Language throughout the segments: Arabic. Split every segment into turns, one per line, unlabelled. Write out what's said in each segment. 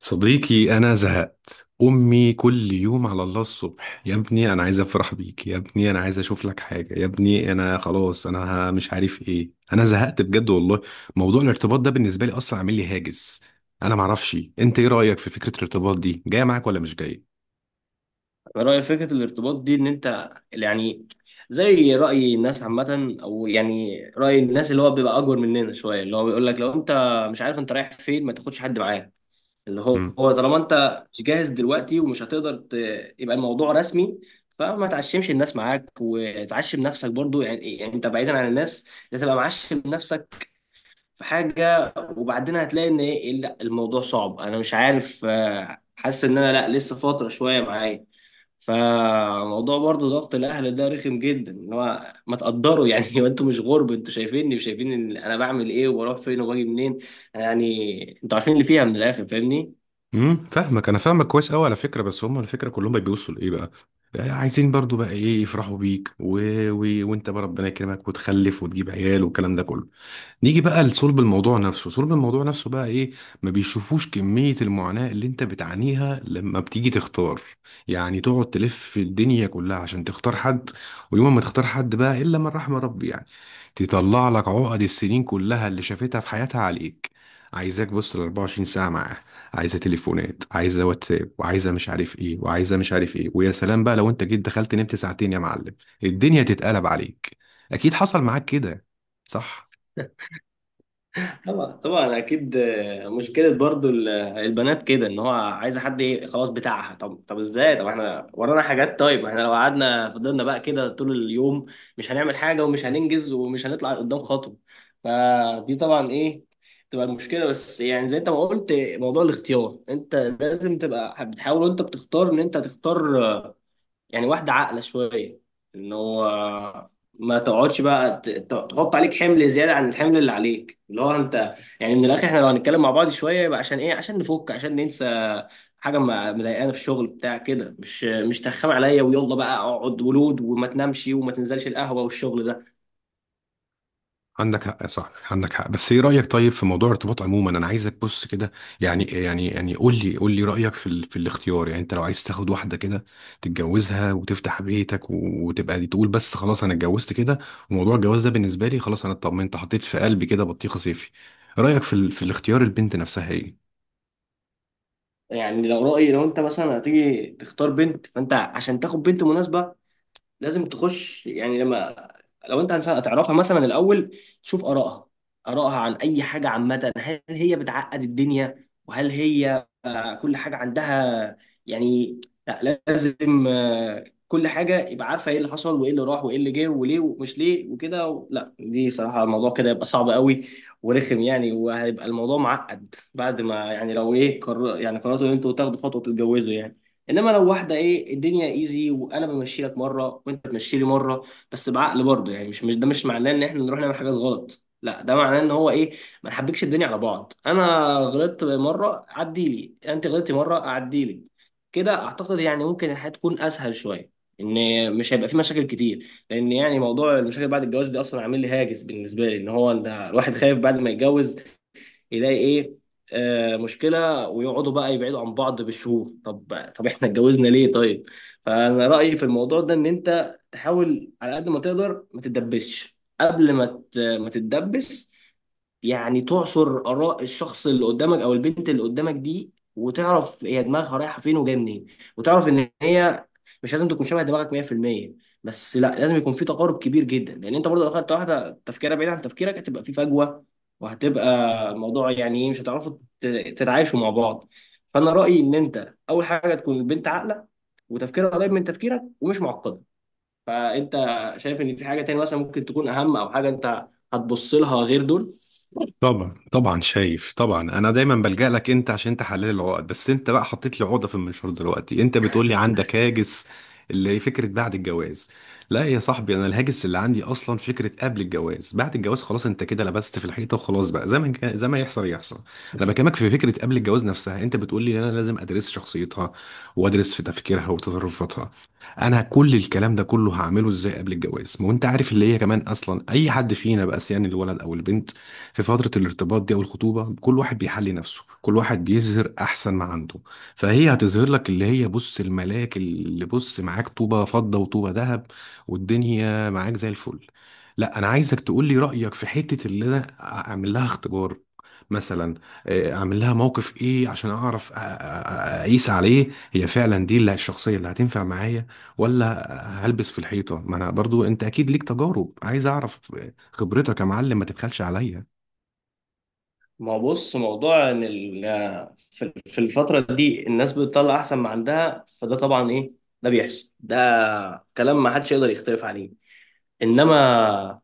صديقي أنا زهقت. أمي كل يوم على الله الصبح، يا ابني أنا عايز أفرح بيك، يا ابني أنا عايز أشوف لك حاجة، يا ابني أنا خلاص، أنا مش عارف إيه، أنا زهقت بجد والله. موضوع الارتباط ده بالنسبة لي أصلا عامل لي هاجس. أنا معرفش أنت إيه رأيك في فكرة الارتباط دي، جاية معاك ولا مش جاية؟
رأي فكرة الارتباط دي إن أنت يعني زي رأي الناس عامة، أو يعني رأي الناس اللي هو بيبقى أكبر مننا شوية، اللي هو بيقول لك لو أنت مش عارف أنت رايح فين ما تاخدش حد معاك. اللي هو
امم
هو طالما أنت مش جاهز دلوقتي ومش هتقدر يبقى الموضوع رسمي. فما تعشمش الناس معاك وتعشم نفسك برضو، يعني إيه؟ يعني أنت بعيدا عن الناس أنت تبقى معشم نفسك في حاجة، وبعدين هتلاقي إن إيه، لا الموضوع صعب، أنا مش عارف، حاسس إن أنا لا لسه فترة شوية معايا. فموضوع برضو ضغط الاهل ده رخم جدا، اللي هو ما تقدروا يعني هو انتوا مش غرب، انتوا شايفيني وشايفين إن انا بعمل ايه وبروح فين وباجي منين، يعني انتوا عارفين اللي فيها. من الاخر فاهمني.
فاهمك، أنا فاهمك كويس أوي على فكرة. بس هم على فكرة كلهم بيبصوا لإيه بقى؟ آه، عايزين برضو بقى إيه، يفرحوا بيك و... و... وأنت بقى ربنا يكرمك وتخلف وتجيب عيال والكلام ده كله. نيجي بقى لصلب الموضوع نفسه، صلب الموضوع نفسه بقى ايه. ما بيشوفوش كمية المعاناة اللي انت بتعانيها لما بتيجي تختار، يعني تقعد تلف في الدنيا كلها عشان تختار حد. ويوم ما تختار حد بقى، الا من رحم ربي يعني، تطلع لك عقد السنين كلها اللي شافتها في حياتها عليك. عايزاك بص ال 24 ساعة معاه، عايزة تليفونات، عايزة واتساب، وعايزة مش عارف ايه، وعايزة مش عارف ايه. ويا سلام بقى لو انت جيت دخلت نمت ساعتين يا معلم، الدنيا تتقلب عليك. اكيد حصل معاك كده، صح؟
طبعا طبعا اكيد، آه، مشكله برضو البنات كده، ان هو عايزه حد، ايه خلاص بتاعها. طب ازاي، طب احنا ورانا حاجات، طيب احنا لو قعدنا فضلنا بقى كده طول اليوم مش هنعمل حاجه ومش هننجز ومش هنطلع قدام خطوه. فدي طبعا ايه، تبقى المشكله. بس يعني زي انت ما قلت موضوع الاختيار، انت لازم تبقى بتحاول وانت بتختار ان انت تختار يعني واحدة عاقلة شوية، ان هو ما تقعدش بقى تحط عليك حمل زيادة عن الحمل اللي عليك، اللي هو انت يعني من الاخر احنا لو هنتكلم مع بعض شوية يبقى عشان ايه، عشان نفك، عشان ننسى حاجة مضايقانا في الشغل، بتاع كده، مش ترخم عليا، ويلا بقى اقعد ولود وما تنامش وما تنزلش القهوة والشغل ده.
عندك حق، صح عندك حق. بس ايه رأيك طيب في موضوع الارتباط عموما؟ انا عايزك بص كده، يعني قول لي رأيك في الاختيار. يعني انت لو عايز تاخد واحدة كده، تتجوزها وتفتح بيتك و... وتبقى دي، تقول بس خلاص انا اتجوزت كده، وموضوع الجواز ده بالنسبة لي خلاص، انا اطمنت، حطيت في قلبي كده بطيخة صيفي. رأيك في الاختيار، البنت نفسها ايه؟
يعني لو رأيي، لو انت مثلا هتيجي تختار بنت فانت عشان تاخد بنت مناسبة لازم تخش، يعني لما لو انت انسان هتعرفها مثلا الاول تشوف ارائها عن اي حاجه عامه، هل هي بتعقد الدنيا، وهل هي كل حاجه عندها يعني، لا لازم كل حاجه يبقى عارفه ايه اللي حصل وايه اللي راح وايه اللي جه وليه ومش ليه وكده لا دي صراحه الموضوع كده يبقى صعب قوي ورخم يعني، وهيبقى الموضوع معقد. بعد ما يعني لو ايه قرر، يعني قررتوا ان انتوا تاخدوا خطوه تتجوزوا يعني، انما لو واحده ايه الدنيا ايزي، وانا بمشي لك مره وانت بتمشي لي مره، بس بعقل برضه يعني، مش ده مش معناه ان احنا نروح نعمل حاجات غلط، لا ده معناه ان هو ايه، ما نحبكش الدنيا على بعض. انا غلطت مره عدي لي، انت غلطتي مره عدي لي. كده اعتقد يعني ممكن الحياه تكون اسهل شويه، ان مش هيبقى في مشاكل كتير، لان يعني موضوع المشاكل بعد الجواز دي اصلا عامل لي هاجس، بالنسبه لي ان هو انت الواحد خايف بعد ما يتجوز يلاقي ايه، آه مشكله، ويقعدوا بقى يبعدوا عن بعض بالشهور، طب احنا اتجوزنا ليه؟ طيب. فانا رايي في الموضوع ده ان انت تحاول على قد ما تقدر ما تتدبسش، قبل ما ما تتدبس يعني تعصر آراء الشخص اللي قدامك أو البنت اللي قدامك دي، وتعرف هي دماغها رايحة فين وجاية منين، وتعرف إن هي مش لازم تكون شبه دماغك 100%، بس لا لازم يكون في تقارب كبير جدا، لأن أنت برضه لو أخدت واحدة تفكيرها بعيد عن تفكيرك هتبقى في فجوة، وهتبقى الموضوع يعني إيه، مش هتعرفوا تتعايشوا مع بعض. فأنا رأيي إن أنت أول حاجة تكون البنت عاقلة وتفكيرها قريب من تفكيرك ومش معقدة. فأنت شايف إن في حاجة تاني مثلا ممكن تكون أهم، أو حاجة أنت هتبص لها غير دول؟
طبعا طبعا شايف طبعا، انا دايما بلجأ لك انت عشان تحلل العقد، بس انت بقى حطيت لي عقده في المنشار دلوقتي. انت بتقول لي عندك هاجس اللي هي فكره بعد الجواز. لا يا صاحبي، انا الهاجس اللي عندي اصلا فكره قبل الجواز. بعد الجواز خلاص انت كده لبست في الحيطه وخلاص بقى، زي ما يحصل يحصل. انا بكلمك في فكره قبل الجواز نفسها. انت بتقول لي انا لازم ادرس شخصيتها وادرس في تفكيرها وتصرفاتها. انا كل الكلام ده كله هعمله ازاي قبل الجواز؟ ما هو انت عارف اللي هي كمان، اصلا اي حد فينا بقى سيان الولد او البنت، في فترة الارتباط دي أو الخطوبة، كل واحد بيحلي نفسه، كل واحد بيظهر أحسن ما عنده. فهي هتظهر لك اللي هي بص الملاك، اللي بص معاك طوبة فضة وطوبة ذهب والدنيا معاك زي الفل. لا أنا عايزك تقول لي رأيك في حتة اللي أنا أعمل لها اختبار مثلا. آه، أعمل لها موقف إيه عشان أعرف أقيس عليه، هي فعلا دي اللي الشخصية اللي هتنفع معايا ولا هلبس في الحيطة؟ ما أنا برضو، أنت أكيد ليك تجارب، عايز أعرف خبرتك يا معلم، ما تبخلش عليا.
ما هو بص، موضوع ان في الفتره دي الناس بتطلع احسن ما عندها، فده طبعا ايه، ده بيحصل، ده كلام ما حدش يقدر يختلف عليه. انما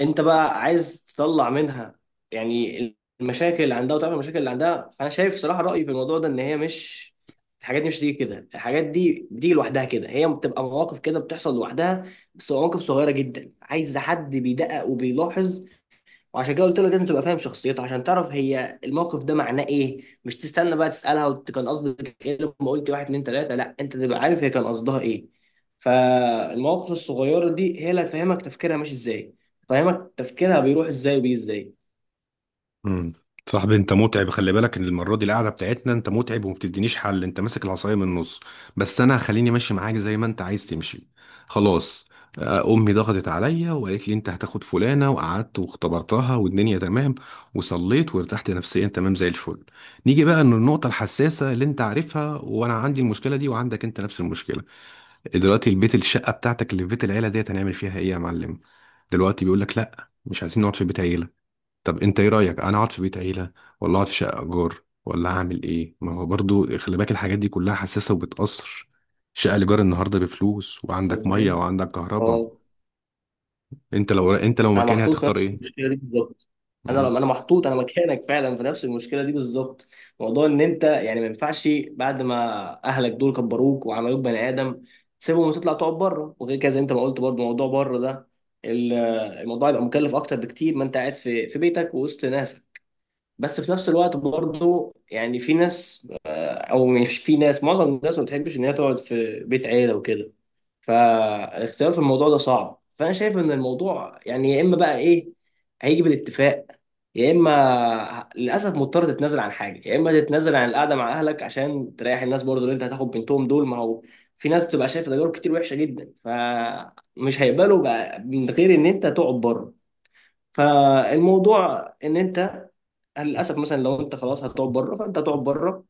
انت بقى عايز تطلع منها يعني المشاكل اللي عندها وتعمل المشاكل اللي عندها. فانا شايف صراحه رايي في الموضوع ده ان هي مش، الحاجات دي مش تيجي كده، الحاجات دي بتيجي لوحدها كده، هي بتبقى مواقف كده بتحصل لوحدها، بس مواقف صغيره جدا عايز حد بيدقق وبيلاحظ. وعشان كده قلت لك لازم تبقى فاهم شخصيته عشان تعرف هي الموقف ده معناه ايه، مش تستنى بقى تسالها كان قصدك ايه لما قلت واحد اتنين تلاته، لا انت تبقى عارف هي كان قصدها ايه. فالمواقف الصغيره دي هي اللي هتفهمك تفكيرها ماشي ازاي، تفهمك تفكيرها بيروح ازاي وبيجي ازاي.
امم صاحبي انت متعب، خلي بالك ان المره دي القعده بتاعتنا انت متعب وما بتدينيش حل، انت ماسك العصايه من النص. بس انا هخليني ماشي معاك زي ما انت عايز تمشي. خلاص، آه، امي ضغطت عليا وقالت لي انت هتاخد فلانه، وقعدت واختبرتها والدنيا تمام، وصليت وارتحت نفسيا تمام زي الفل. نيجي بقى للنقطه الحساسه اللي انت عارفها، وانا عندي المشكله دي وعندك انت نفس المشكله. دلوقتي البيت، الشقه بتاعتك اللي في بيت العيله ديت هنعمل فيها ايه يا معلم؟ دلوقتي بيقول لك لا مش عايزين نقعد في بيت عيله. طب انت ايه رأيك، انا اقعد في بيت عيلة ولا اقعد في شقة ايجار ولا هعمل ايه؟ ما هو برضو خلي بالك الحاجات دي كلها حساسة وبتأثر. شقة الايجار النهاردة بفلوس، وعندك مية
صدقني.
وعندك كهرباء.
اه.
انت لو، انت لو
انا
مكاني
محطوط في
هتختار
نفس
ايه؟
المشكله دي بالظبط. انا لما
مم.
انا محطوط انا مكانك فعلا في نفس المشكله دي بالظبط. موضوع ان انت يعني ما ينفعش بعد ما اهلك دول كبروك وعملوك بني ادم تسيبهم وتطلع تقعد بره، وغير كده زي انت ما قلت برضه موضوع بره ده، ال- الموضوع يبقى مكلف اكتر بكتير ما انت قاعد في بيتك ووسط ناسك. بس في نفس الوقت برضه يعني في ناس، او مش في ناس، معظم الناس ما بتحبش ان هي تقعد في بيت عيله وكده. فالاختيار في الموضوع ده صعب، فانا شايف ان الموضوع يعني يا اما بقى ايه، هيجي بالاتفاق، يا اما للاسف مضطر تتنازل عن حاجه، يا اما تتنازل عن القعده مع اهلك عشان تريح الناس برضه اللي انت هتاخد بنتهم دول، ما هو في ناس بتبقى شايفه تجارب كتير وحشه جدا، فمش هيقبلوا بقى من غير ان انت تقعد بره. فالموضوع ان انت للاسف مثلا لو انت خلاص هتقعد بره فانت هتقعد بره،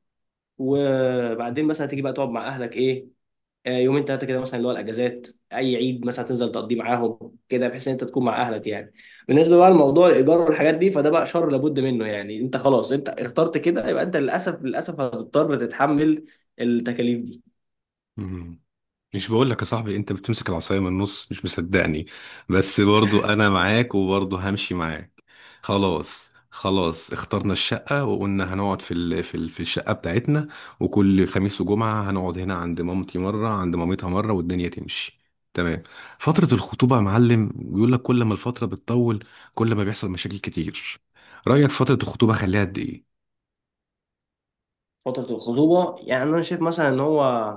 وبعدين مثلا تيجي بقى تقعد مع اهلك ايه، يومين ثلاثه كده مثلا، اللي هو الاجازات، اي عيد مثلا تنزل تقضيه معاهم كده بحيث ان انت تكون مع اهلك يعني. بالنسبه بقى لموضوع الايجار والحاجات دي فده بقى شر لابد منه يعني، انت خلاص، انت اخترت كده يبقى انت للاسف هتضطر تتحمل التكاليف دي.
مم. مش بقول لك يا صاحبي انت بتمسك العصاية من النص، مش مصدقني. بس برضو انا معاك وبرضو همشي معاك. خلاص خلاص اخترنا الشقة، وقلنا هنقعد في الشقة بتاعتنا. وكل خميس وجمعة هنقعد هنا عند مامتي مرة، عند مامتها مرة، والدنيا تمشي. تمام. فترة الخطوبة يا معلم بيقول لك كل ما الفترة بتطول كل ما بيحصل مشاكل كتير. رأيك فترة الخطوبة خليها قد
فتره الخطوبه، يعني انا شايف مثلا ان هو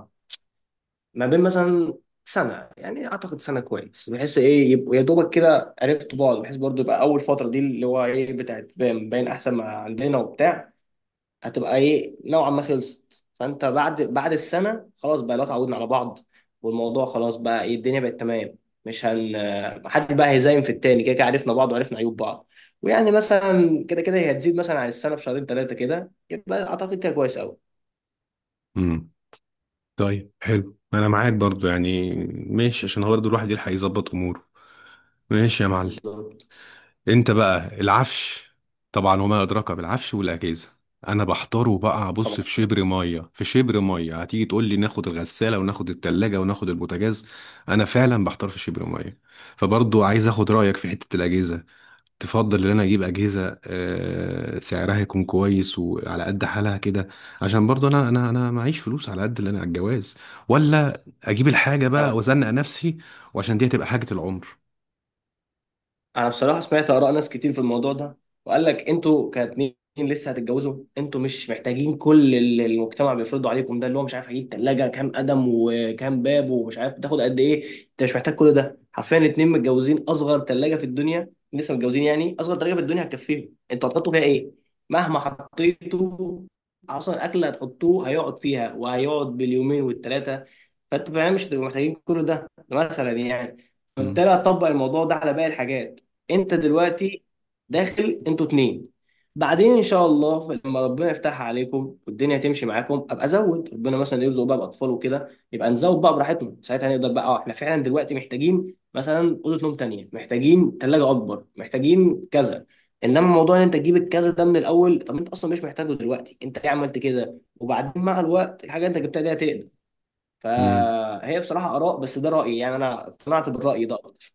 ما بين مثلا سنه، يعني اعتقد سنه كويس، بحيث ايه يبقوا يا دوبك كده عرفتوا بعض، بحيث برضو يبقى اول فتره دي اللي هو ايه بتاعت باين احسن ما عندنا وبتاع، هتبقى ايه نوعا ما خلصت. فانت بعد السنه خلاص بقى لو اتعودنا على بعض، والموضوع خلاص بقى ايه، الدنيا بقت تمام، مش هن محد بقى هيزايم في التاني، كده كده عرفنا بعض وعرفنا عيوب بعض، ويعني مثلا كده كده هي هتزيد مثلا عن السنه بشهرين ثلاثه كده، يبقى اعتقد كده كويس قوي.
ايه؟ طيب حلو، انا معاك برضو يعني ماشي، عشان هو برضو الواحد يلحق يظبط اموره. ماشي يا معلم.
بالظبط.
انت بقى العفش، طبعا وما ادراك بالعفش والاجهزه. انا بحضره بقى ابص
طبعا.
في شبر ميه في شبر ميه، هتيجي تقول لي ناخد الغساله وناخد التلاجة وناخد البوتاجاز. انا فعلا بحتار في شبر ميه. فبرضو عايز اخد رايك في حته الاجهزه. تفضل ان انا اجيب اجهزه، آه، سعرها يكون كويس وعلى قد حالها كده، عشان برضه انا معيش فلوس على قد اللي انا على الجواز، ولا اجيب الحاجه
آه.
بقى وازنق نفسي، وعشان دي هتبقى حاجه العمر.
انا بصراحه سمعت اراء ناس كتير في الموضوع ده، وقال لك انتوا كاتنين لسه هتتجوزوا، انتوا مش محتاجين كل اللي المجتمع بيفرضه عليكم ده، اللي هو مش عارف هجيب ثلاجه كام قدم وكام باب، ومش عارف تاخد قد ايه. انت مش محتاج كل ده، حرفيا اتنين متجوزين، اصغر ثلاجه في الدنيا لسه متجوزين يعني اصغر ثلاجه في الدنيا هتكفيهم، انتوا هتحطوا فيها ايه؟ مهما حطيتوا اصلا الاكل اللي هتحطوه هيقعد فيها وهيقعد باليومين والثلاثه، فانتوا فعلا مش هتبقوا محتاجين كل ده، ده مثلا يعني،
مم.
فبالتالي هتطبق الموضوع ده على باقي الحاجات. انت دلوقتي داخل انتوا اتنين، بعدين ان شاء الله لما ربنا يفتح عليكم والدنيا تمشي معاكم ابقى ازود، ربنا مثلا يرزق بقى باطفال وكده يبقى نزود بقى براحتنا، ساعتها نقدر بقى، اه احنا فعلا دلوقتي محتاجين مثلا اوضه نوم تانية، محتاجين ثلاجه اكبر، محتاجين كذا. انما موضوع ان انت تجيب الكذا ده من الاول، طب انت اصلا مش محتاجه دلوقتي، انت ليه عملت كده؟ وبعدين مع الوقت الحاجه انت جبتها دي هتقدر.
مم.
فهي بصراحه اراء، بس ده رايي يعني، انا اقتنعت بالراي ده اكتر.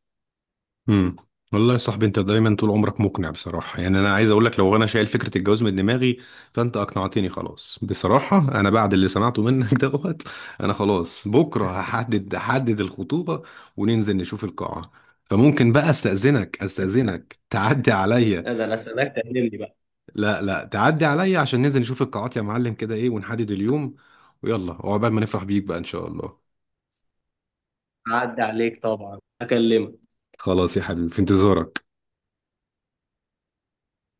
امم والله يا صاحبي انت دايما طول عمرك مقنع بصراحه. يعني انا عايز اقول لك لو انا شايل فكره الجواز من دماغي، فانت اقنعتني خلاص بصراحه. انا بعد اللي سمعته منك دوت انا خلاص، بكره هحدد الخطوبه وننزل نشوف القاعه. فممكن بقى استاذنك تعدي عليا.
ده انا استناك تقدم لي بقى.
لا لا، تعدي عليا عشان ننزل نشوف القاعات يا معلم كده، ايه، ونحدد اليوم، ويلا، وعقبال ما نفرح بيك بقى ان شاء الله.
عدى عليك طبعا هكلمك.
خلاص يا حبيبي، في انتظارك.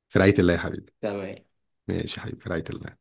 في رعايه الله يا حبيبي.
تمام.
ماشي يا حبيبي، في رعايه الله.